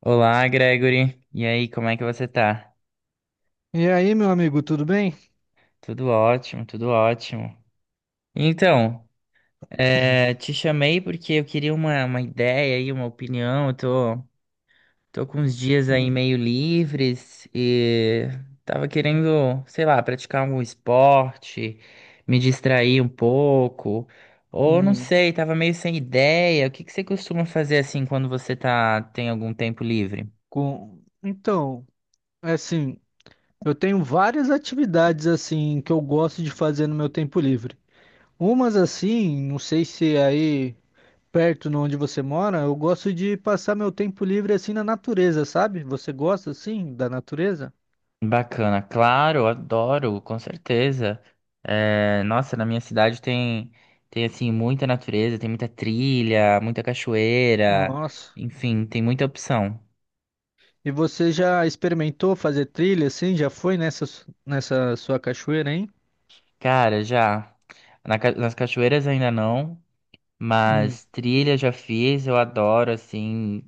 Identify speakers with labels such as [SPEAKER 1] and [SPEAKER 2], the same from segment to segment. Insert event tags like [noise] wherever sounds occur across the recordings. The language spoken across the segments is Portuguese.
[SPEAKER 1] Olá, Gregory. E aí, como é que você tá?
[SPEAKER 2] E aí, meu amigo, tudo bem?
[SPEAKER 1] Tudo ótimo, tudo ótimo. Então, te chamei porque eu queria uma ideia aí, uma opinião. Tô com uns dias aí
[SPEAKER 2] Hum,
[SPEAKER 1] meio livres e tava querendo, sei lá, praticar algum esporte, me distrair um pouco. Ou não
[SPEAKER 2] hum,
[SPEAKER 1] sei, tava meio sem ideia. O que que você costuma fazer assim quando tem algum tempo livre?
[SPEAKER 2] Então, é assim, eu tenho várias atividades assim que eu gosto de fazer no meu tempo livre. Umas assim, não sei se é aí perto de onde você mora, eu gosto de passar meu tempo livre assim na natureza, sabe? Você gosta assim da natureza?
[SPEAKER 1] Bacana, claro, adoro, com certeza. É, nossa, na minha cidade tem assim muita natureza, tem muita trilha, muita cachoeira,
[SPEAKER 2] Nossa.
[SPEAKER 1] enfim, tem muita opção.
[SPEAKER 2] E você já experimentou fazer trilha assim? Já foi nessa sua cachoeira, hein?
[SPEAKER 1] Cara, já nas cachoeiras ainda não,
[SPEAKER 2] Hum,
[SPEAKER 1] mas trilha já fiz, eu adoro assim,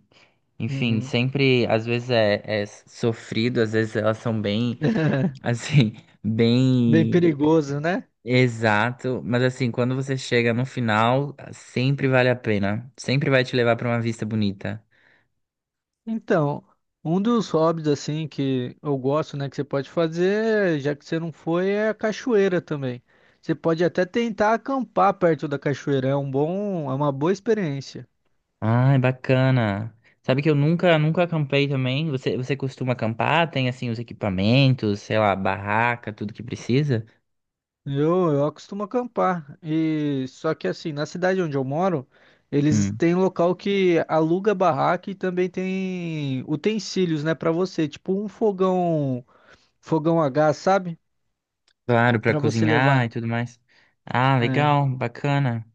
[SPEAKER 1] enfim,
[SPEAKER 2] uhum.
[SPEAKER 1] sempre é sofrido, às vezes elas são bem assim, [laughs]
[SPEAKER 2] Bem
[SPEAKER 1] bem
[SPEAKER 2] perigoso, né?
[SPEAKER 1] Exato, mas assim, quando você chega no final, ah, sempre vale a pena. Sempre vai te levar para uma vista bonita.
[SPEAKER 2] Então, um dos hobbies assim que eu gosto, né, que você pode fazer, já que você não foi, é a cachoeira também. Você pode até tentar acampar perto da cachoeira, é uma boa experiência.
[SPEAKER 1] Ai, bacana. Sabe que eu nunca acampei também? Você costuma acampar? Tem assim os equipamentos, sei lá, barraca, tudo que precisa?
[SPEAKER 2] Eu costumo acampar e só que assim, na cidade onde eu moro, eles
[SPEAKER 1] Hum,
[SPEAKER 2] têm local que aluga barraca e também tem utensílios, né, para você, tipo um fogão a gás, sabe?
[SPEAKER 1] claro, para
[SPEAKER 2] Para você
[SPEAKER 1] cozinhar e
[SPEAKER 2] levar.
[SPEAKER 1] tudo mais. Ah,
[SPEAKER 2] É.
[SPEAKER 1] legal, bacana.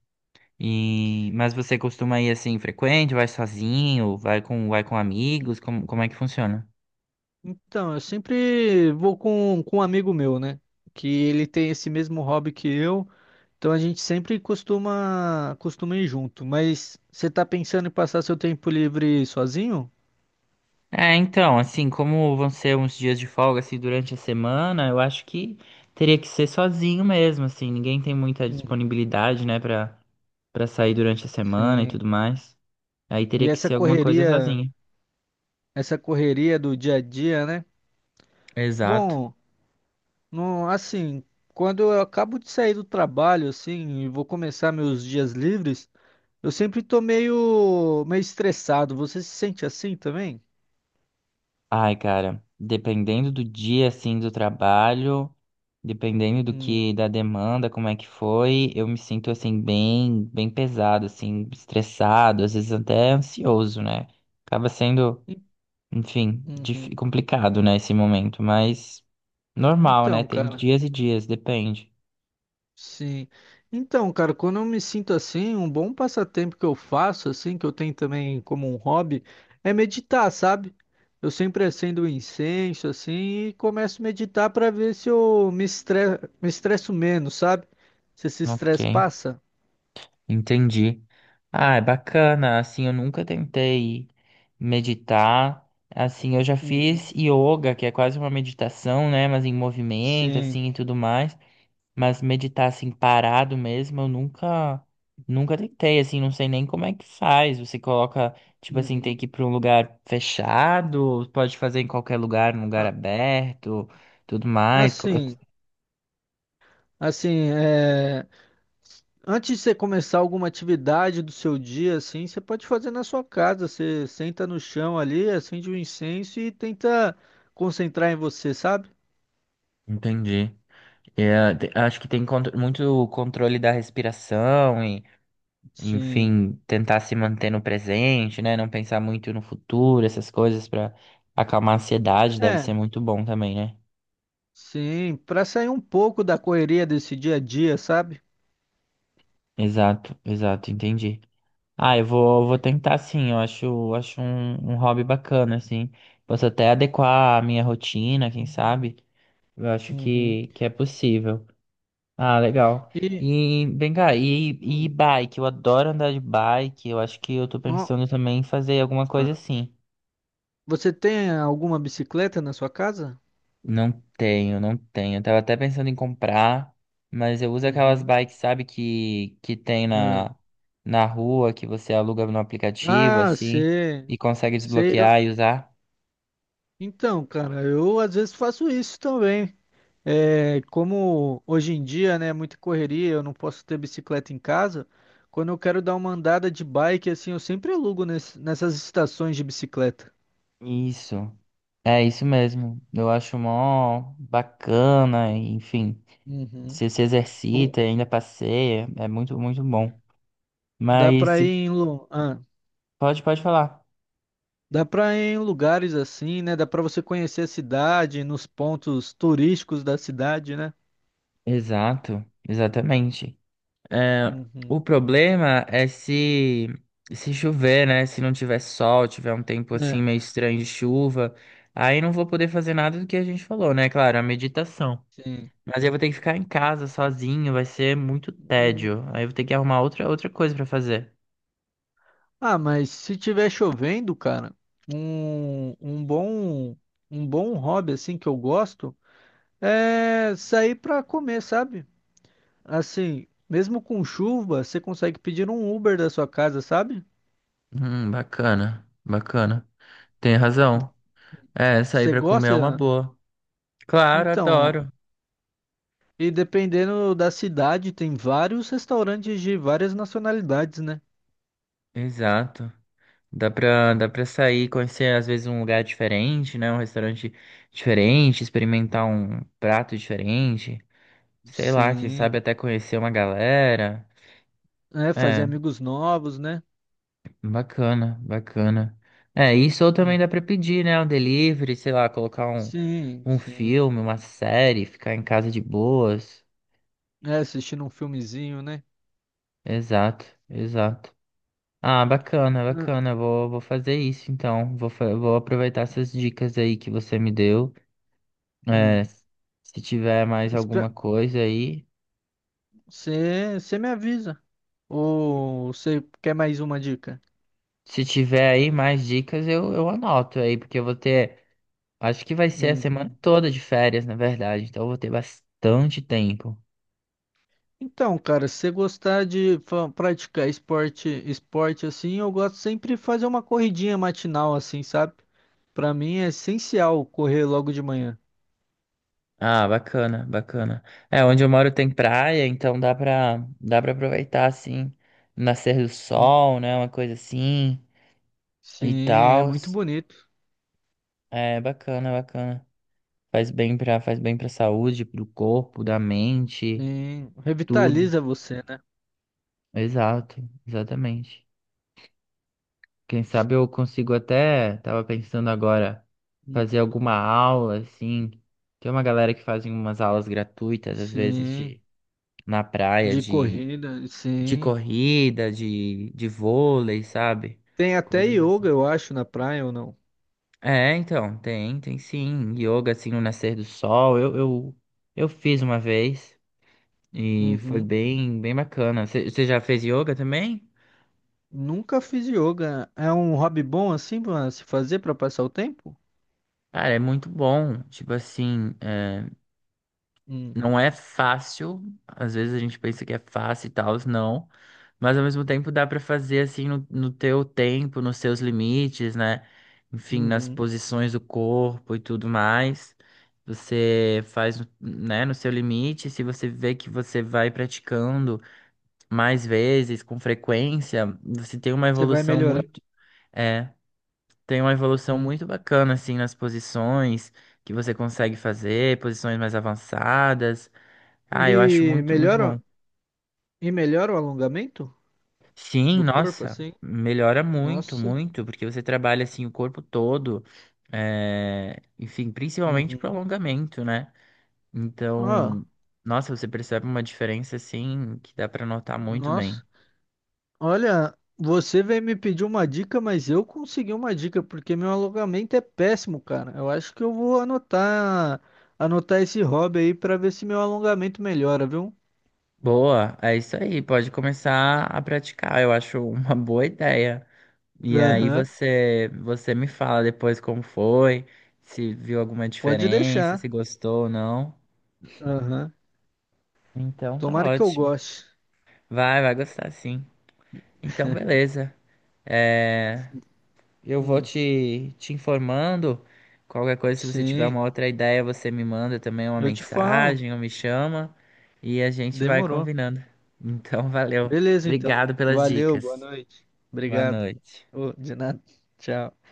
[SPEAKER 1] E mas você costuma ir assim frequente? Vai sozinho? Vai com amigos? Como é que funciona?
[SPEAKER 2] Então, eu sempre vou com um amigo meu, né? Que ele tem esse mesmo hobby que eu. Então a gente sempre costuma ir junto. Mas você tá pensando em passar seu tempo livre sozinho?
[SPEAKER 1] É, então, assim, como vão ser uns dias de folga assim durante a semana, eu acho que teria que ser sozinho mesmo, assim, ninguém tem muita
[SPEAKER 2] Uhum.
[SPEAKER 1] disponibilidade, né, pra sair durante a semana e
[SPEAKER 2] Sim.
[SPEAKER 1] tudo mais. Aí teria
[SPEAKER 2] E
[SPEAKER 1] que
[SPEAKER 2] essa
[SPEAKER 1] ser alguma coisa
[SPEAKER 2] correria,
[SPEAKER 1] sozinho.
[SPEAKER 2] essa correria do dia a dia, né?
[SPEAKER 1] Exato.
[SPEAKER 2] Bom, não, assim, quando eu acabo de sair do trabalho, assim, e vou começar meus dias livres, eu sempre tô meio estressado. Você se sente assim também?
[SPEAKER 1] Ai, cara, dependendo do dia, assim, do trabalho, dependendo do
[SPEAKER 2] Hum.
[SPEAKER 1] que, da demanda, como é que foi, eu me sinto, assim, bem pesado, assim, estressado, às vezes até ansioso, né? Acaba sendo
[SPEAKER 2] E-
[SPEAKER 1] enfim,
[SPEAKER 2] Uhum.
[SPEAKER 1] complicado, né, esse momento, mas normal, né?
[SPEAKER 2] Então,
[SPEAKER 1] Tem
[SPEAKER 2] cara,
[SPEAKER 1] dias e dias, depende.
[SPEAKER 2] sim. Então, cara, quando eu me sinto assim, um bom passatempo que eu faço, assim, que eu tenho também como um hobby, é meditar, sabe? Eu sempre acendo um incenso, assim, e começo a meditar para ver se eu me estresso menos, sabe? Se esse
[SPEAKER 1] Ok,
[SPEAKER 2] estresse passa.
[SPEAKER 1] entendi. Ah, é bacana. Assim, eu nunca tentei meditar. Assim, eu já fiz
[SPEAKER 2] Uhum.
[SPEAKER 1] yoga, que é quase uma meditação, né? Mas em movimento,
[SPEAKER 2] Sim.
[SPEAKER 1] assim, e tudo mais. Mas meditar assim parado mesmo, eu nunca nunca tentei, assim, não sei nem como é que faz. Você coloca, tipo assim,
[SPEAKER 2] Uhum.
[SPEAKER 1] tem que ir para um lugar fechado, ou pode fazer em qualquer lugar, num lugar
[SPEAKER 2] Ah,
[SPEAKER 1] aberto, tudo mais.
[SPEAKER 2] Assim, assim, é. Antes de você começar alguma atividade do seu dia, assim, você pode fazer na sua casa. Você senta no chão ali, acende um incenso e tenta concentrar em você, sabe?
[SPEAKER 1] Entendi. É, acho que tem muito controle da respiração e,
[SPEAKER 2] Sim.
[SPEAKER 1] enfim, tentar se manter no presente, né? Não pensar muito no futuro, essas coisas para acalmar a ansiedade, deve ser
[SPEAKER 2] É,
[SPEAKER 1] muito bom também, né?
[SPEAKER 2] sim, para sair um pouco da correria desse dia a dia, sabe?
[SPEAKER 1] Exato, exato, entendi. Ah, vou tentar sim, eu acho, acho um hobby bacana, assim. Posso até adequar a minha rotina, quem sabe? Eu acho
[SPEAKER 2] Uhum.
[SPEAKER 1] que é possível. Ah, legal.
[SPEAKER 2] E
[SPEAKER 1] E vem cá, e
[SPEAKER 2] hum,
[SPEAKER 1] bike? Eu adoro andar de bike, eu acho que eu tô
[SPEAKER 2] no-
[SPEAKER 1] pensando também em fazer alguma coisa
[SPEAKER 2] ah,
[SPEAKER 1] assim.
[SPEAKER 2] você tem alguma bicicleta na sua casa?
[SPEAKER 1] Não tenho, não tenho. Eu tava até pensando em comprar, mas eu uso aquelas
[SPEAKER 2] Uhum.
[SPEAKER 1] bikes, sabe, que tem
[SPEAKER 2] Ah,
[SPEAKER 1] na, na rua, que você aluga no aplicativo,
[SPEAKER 2] Ah,
[SPEAKER 1] assim,
[SPEAKER 2] sei,
[SPEAKER 1] e consegue
[SPEAKER 2] sei.
[SPEAKER 1] desbloquear e usar.
[SPEAKER 2] Então, cara, eu às vezes faço isso também. É, como hoje em dia, né, é muita correria, eu não posso ter bicicleta em casa. Quando eu quero dar uma andada de bike, assim, eu sempre alugo nessas estações de bicicleta.
[SPEAKER 1] Isso. É isso mesmo. Eu acho mó bacana, enfim.
[SPEAKER 2] Uhum.
[SPEAKER 1] Você se
[SPEAKER 2] O-
[SPEAKER 1] exercita, e ainda passeia, é muito, muito bom.
[SPEAKER 2] Dá
[SPEAKER 1] Mas
[SPEAKER 2] pra ir em, lu- ah,
[SPEAKER 1] pode falar.
[SPEAKER 2] dá pra ir em lugares assim, né? Dá pra você conhecer a cidade, nos pontos turísticos da cidade, né?
[SPEAKER 1] Exato, exatamente. É, o
[SPEAKER 2] Uhum.
[SPEAKER 1] problema é se chover, né? Se não tiver sol, tiver um tempo assim
[SPEAKER 2] É,
[SPEAKER 1] meio estranho de chuva, aí não vou poder fazer nada do que a gente falou, né? Claro, a meditação.
[SPEAKER 2] sim.
[SPEAKER 1] Mas aí eu vou ter que ficar em casa sozinho, vai ser muito
[SPEAKER 2] Hum,
[SPEAKER 1] tédio. Aí eu vou ter que arrumar outra coisa pra fazer.
[SPEAKER 2] Ah, mas se tiver chovendo, cara, um, um bom um bom hobby assim que eu gosto é sair pra comer, sabe? Assim, mesmo com chuva, você consegue pedir um Uber da sua casa, sabe?
[SPEAKER 1] Bacana, bacana. Tem razão. É, sair
[SPEAKER 2] Você
[SPEAKER 1] pra comer é uma
[SPEAKER 2] gosta?
[SPEAKER 1] boa. Claro,
[SPEAKER 2] Então,
[SPEAKER 1] adoro.
[SPEAKER 2] e dependendo da cidade, tem vários restaurantes de várias nacionalidades, né?
[SPEAKER 1] Exato. Dá pra sair, conhecer às vezes um lugar diferente, né? Um restaurante diferente, experimentar um prato diferente. Sei lá, quem
[SPEAKER 2] Sim.
[SPEAKER 1] sabe até conhecer uma galera.
[SPEAKER 2] É, fazer
[SPEAKER 1] É.
[SPEAKER 2] amigos novos, né?
[SPEAKER 1] Bacana, bacana. É, isso ou também
[SPEAKER 2] Hum.
[SPEAKER 1] dá pra pedir, né? Um delivery, sei lá, colocar
[SPEAKER 2] Sim,
[SPEAKER 1] um
[SPEAKER 2] sim.
[SPEAKER 1] filme, uma série, ficar em casa de boas.
[SPEAKER 2] É, assistindo um filmezinho, né?
[SPEAKER 1] Exato, exato. Ah, bacana,
[SPEAKER 2] Hum.
[SPEAKER 1] bacana. Vou fazer isso então. Vou aproveitar essas dicas aí que você me deu. É,
[SPEAKER 2] Hum.
[SPEAKER 1] se tiver mais alguma
[SPEAKER 2] Espe-
[SPEAKER 1] coisa aí.
[SPEAKER 2] você me avisa. Ou você quer mais uma dica?
[SPEAKER 1] Se tiver aí mais dicas, eu anoto aí, porque eu vou ter. Acho que vai ser a
[SPEAKER 2] Hum.
[SPEAKER 1] semana toda de férias, na verdade. Então eu vou ter bastante tempo.
[SPEAKER 2] Então, cara, se você gostar de praticar esporte, assim, eu gosto sempre de fazer uma corridinha matinal assim, sabe? Pra mim é essencial correr logo de manhã.
[SPEAKER 1] Ah, bacana, bacana. É, onde eu moro tem praia, então dá pra aproveitar, assim, o nascer do
[SPEAKER 2] Hum.
[SPEAKER 1] sol, né, uma coisa assim e
[SPEAKER 2] Sim, é
[SPEAKER 1] tal.
[SPEAKER 2] muito bonito.
[SPEAKER 1] É, bacana, bacana. Faz bem pra saúde, pro corpo, da mente,
[SPEAKER 2] Sim,
[SPEAKER 1] tudo.
[SPEAKER 2] revitaliza você, né?
[SPEAKER 1] Exato, exatamente. Quem sabe eu consigo até, tava pensando agora,
[SPEAKER 2] Hum.
[SPEAKER 1] fazer alguma aula, assim. Tem uma galera que faz umas aulas gratuitas, às vezes,
[SPEAKER 2] Sim,
[SPEAKER 1] de, na praia,
[SPEAKER 2] de corrida,
[SPEAKER 1] de
[SPEAKER 2] sim.
[SPEAKER 1] corrida, de vôlei, sabe?
[SPEAKER 2] Tem até
[SPEAKER 1] Coisas
[SPEAKER 2] yoga,
[SPEAKER 1] assim.
[SPEAKER 2] eu acho, na praia ou não?
[SPEAKER 1] É, então, tem sim. Yoga, assim, no nascer do sol. Eu fiz uma vez e foi
[SPEAKER 2] Uhum.
[SPEAKER 1] bem, bem bacana. Você já fez yoga também?
[SPEAKER 2] Nunca fiz yoga. É um hobby bom assim pra se fazer pra passar o tempo?
[SPEAKER 1] Cara, é muito bom. Tipo assim, é,
[SPEAKER 2] Hum.
[SPEAKER 1] não é fácil, às vezes a gente pensa que é fácil e tal, não. Mas ao mesmo tempo dá pra fazer assim no teu tempo, nos seus limites, né? Enfim, nas
[SPEAKER 2] Uhum.
[SPEAKER 1] posições do corpo e tudo mais. Você faz, né, no seu limite. Se você vê que você vai praticando mais vezes, com frequência, você tem uma
[SPEAKER 2] Você vai
[SPEAKER 1] evolução
[SPEAKER 2] melhorar.
[SPEAKER 1] muito, é, tem uma evolução
[SPEAKER 2] Hum.
[SPEAKER 1] muito bacana assim nas posições que você consegue fazer, posições mais avançadas. Ah, eu acho
[SPEAKER 2] E
[SPEAKER 1] muito, muito bom.
[SPEAKER 2] melhora, e melhora o alongamento
[SPEAKER 1] Sim,
[SPEAKER 2] do corpo,
[SPEAKER 1] nossa,
[SPEAKER 2] assim?
[SPEAKER 1] melhora muito,
[SPEAKER 2] Nossa.
[SPEAKER 1] muito, porque você trabalha assim o corpo todo, é, enfim, principalmente pro
[SPEAKER 2] Uhum.
[SPEAKER 1] alongamento, né?
[SPEAKER 2] Ó,
[SPEAKER 1] Então, nossa, você percebe uma diferença assim que dá pra notar muito bem.
[SPEAKER 2] nossa. Olha, você veio me pedir uma dica, mas eu consegui uma dica, porque meu alongamento é péssimo, cara. Eu acho que eu vou anotar esse hobby aí pra ver se meu alongamento melhora, viu?
[SPEAKER 1] Boa, é isso aí, pode começar a praticar, eu acho uma boa ideia. E aí
[SPEAKER 2] Aham.
[SPEAKER 1] você me fala depois como foi, se viu alguma
[SPEAKER 2] Pode
[SPEAKER 1] diferença, se
[SPEAKER 2] deixar.
[SPEAKER 1] gostou ou não.
[SPEAKER 2] Aham.
[SPEAKER 1] Então tá
[SPEAKER 2] Tomara que eu
[SPEAKER 1] ótimo.
[SPEAKER 2] goste.
[SPEAKER 1] Vai gostar sim. Então, beleza. É, eu vou
[SPEAKER 2] Hum.
[SPEAKER 1] te informando. Qualquer coisa, se você tiver
[SPEAKER 2] Sim,
[SPEAKER 1] uma outra ideia, você me manda também uma
[SPEAKER 2] eu te falo.
[SPEAKER 1] mensagem ou me chama e a gente vai
[SPEAKER 2] Demorou.
[SPEAKER 1] combinando. Então, [laughs] valeu.
[SPEAKER 2] Beleza, então.
[SPEAKER 1] Obrigado pelas
[SPEAKER 2] Valeu,
[SPEAKER 1] dicas.
[SPEAKER 2] boa noite.
[SPEAKER 1] Boa
[SPEAKER 2] Obrigado.
[SPEAKER 1] noite.
[SPEAKER 2] Ô, de nada. Tchau.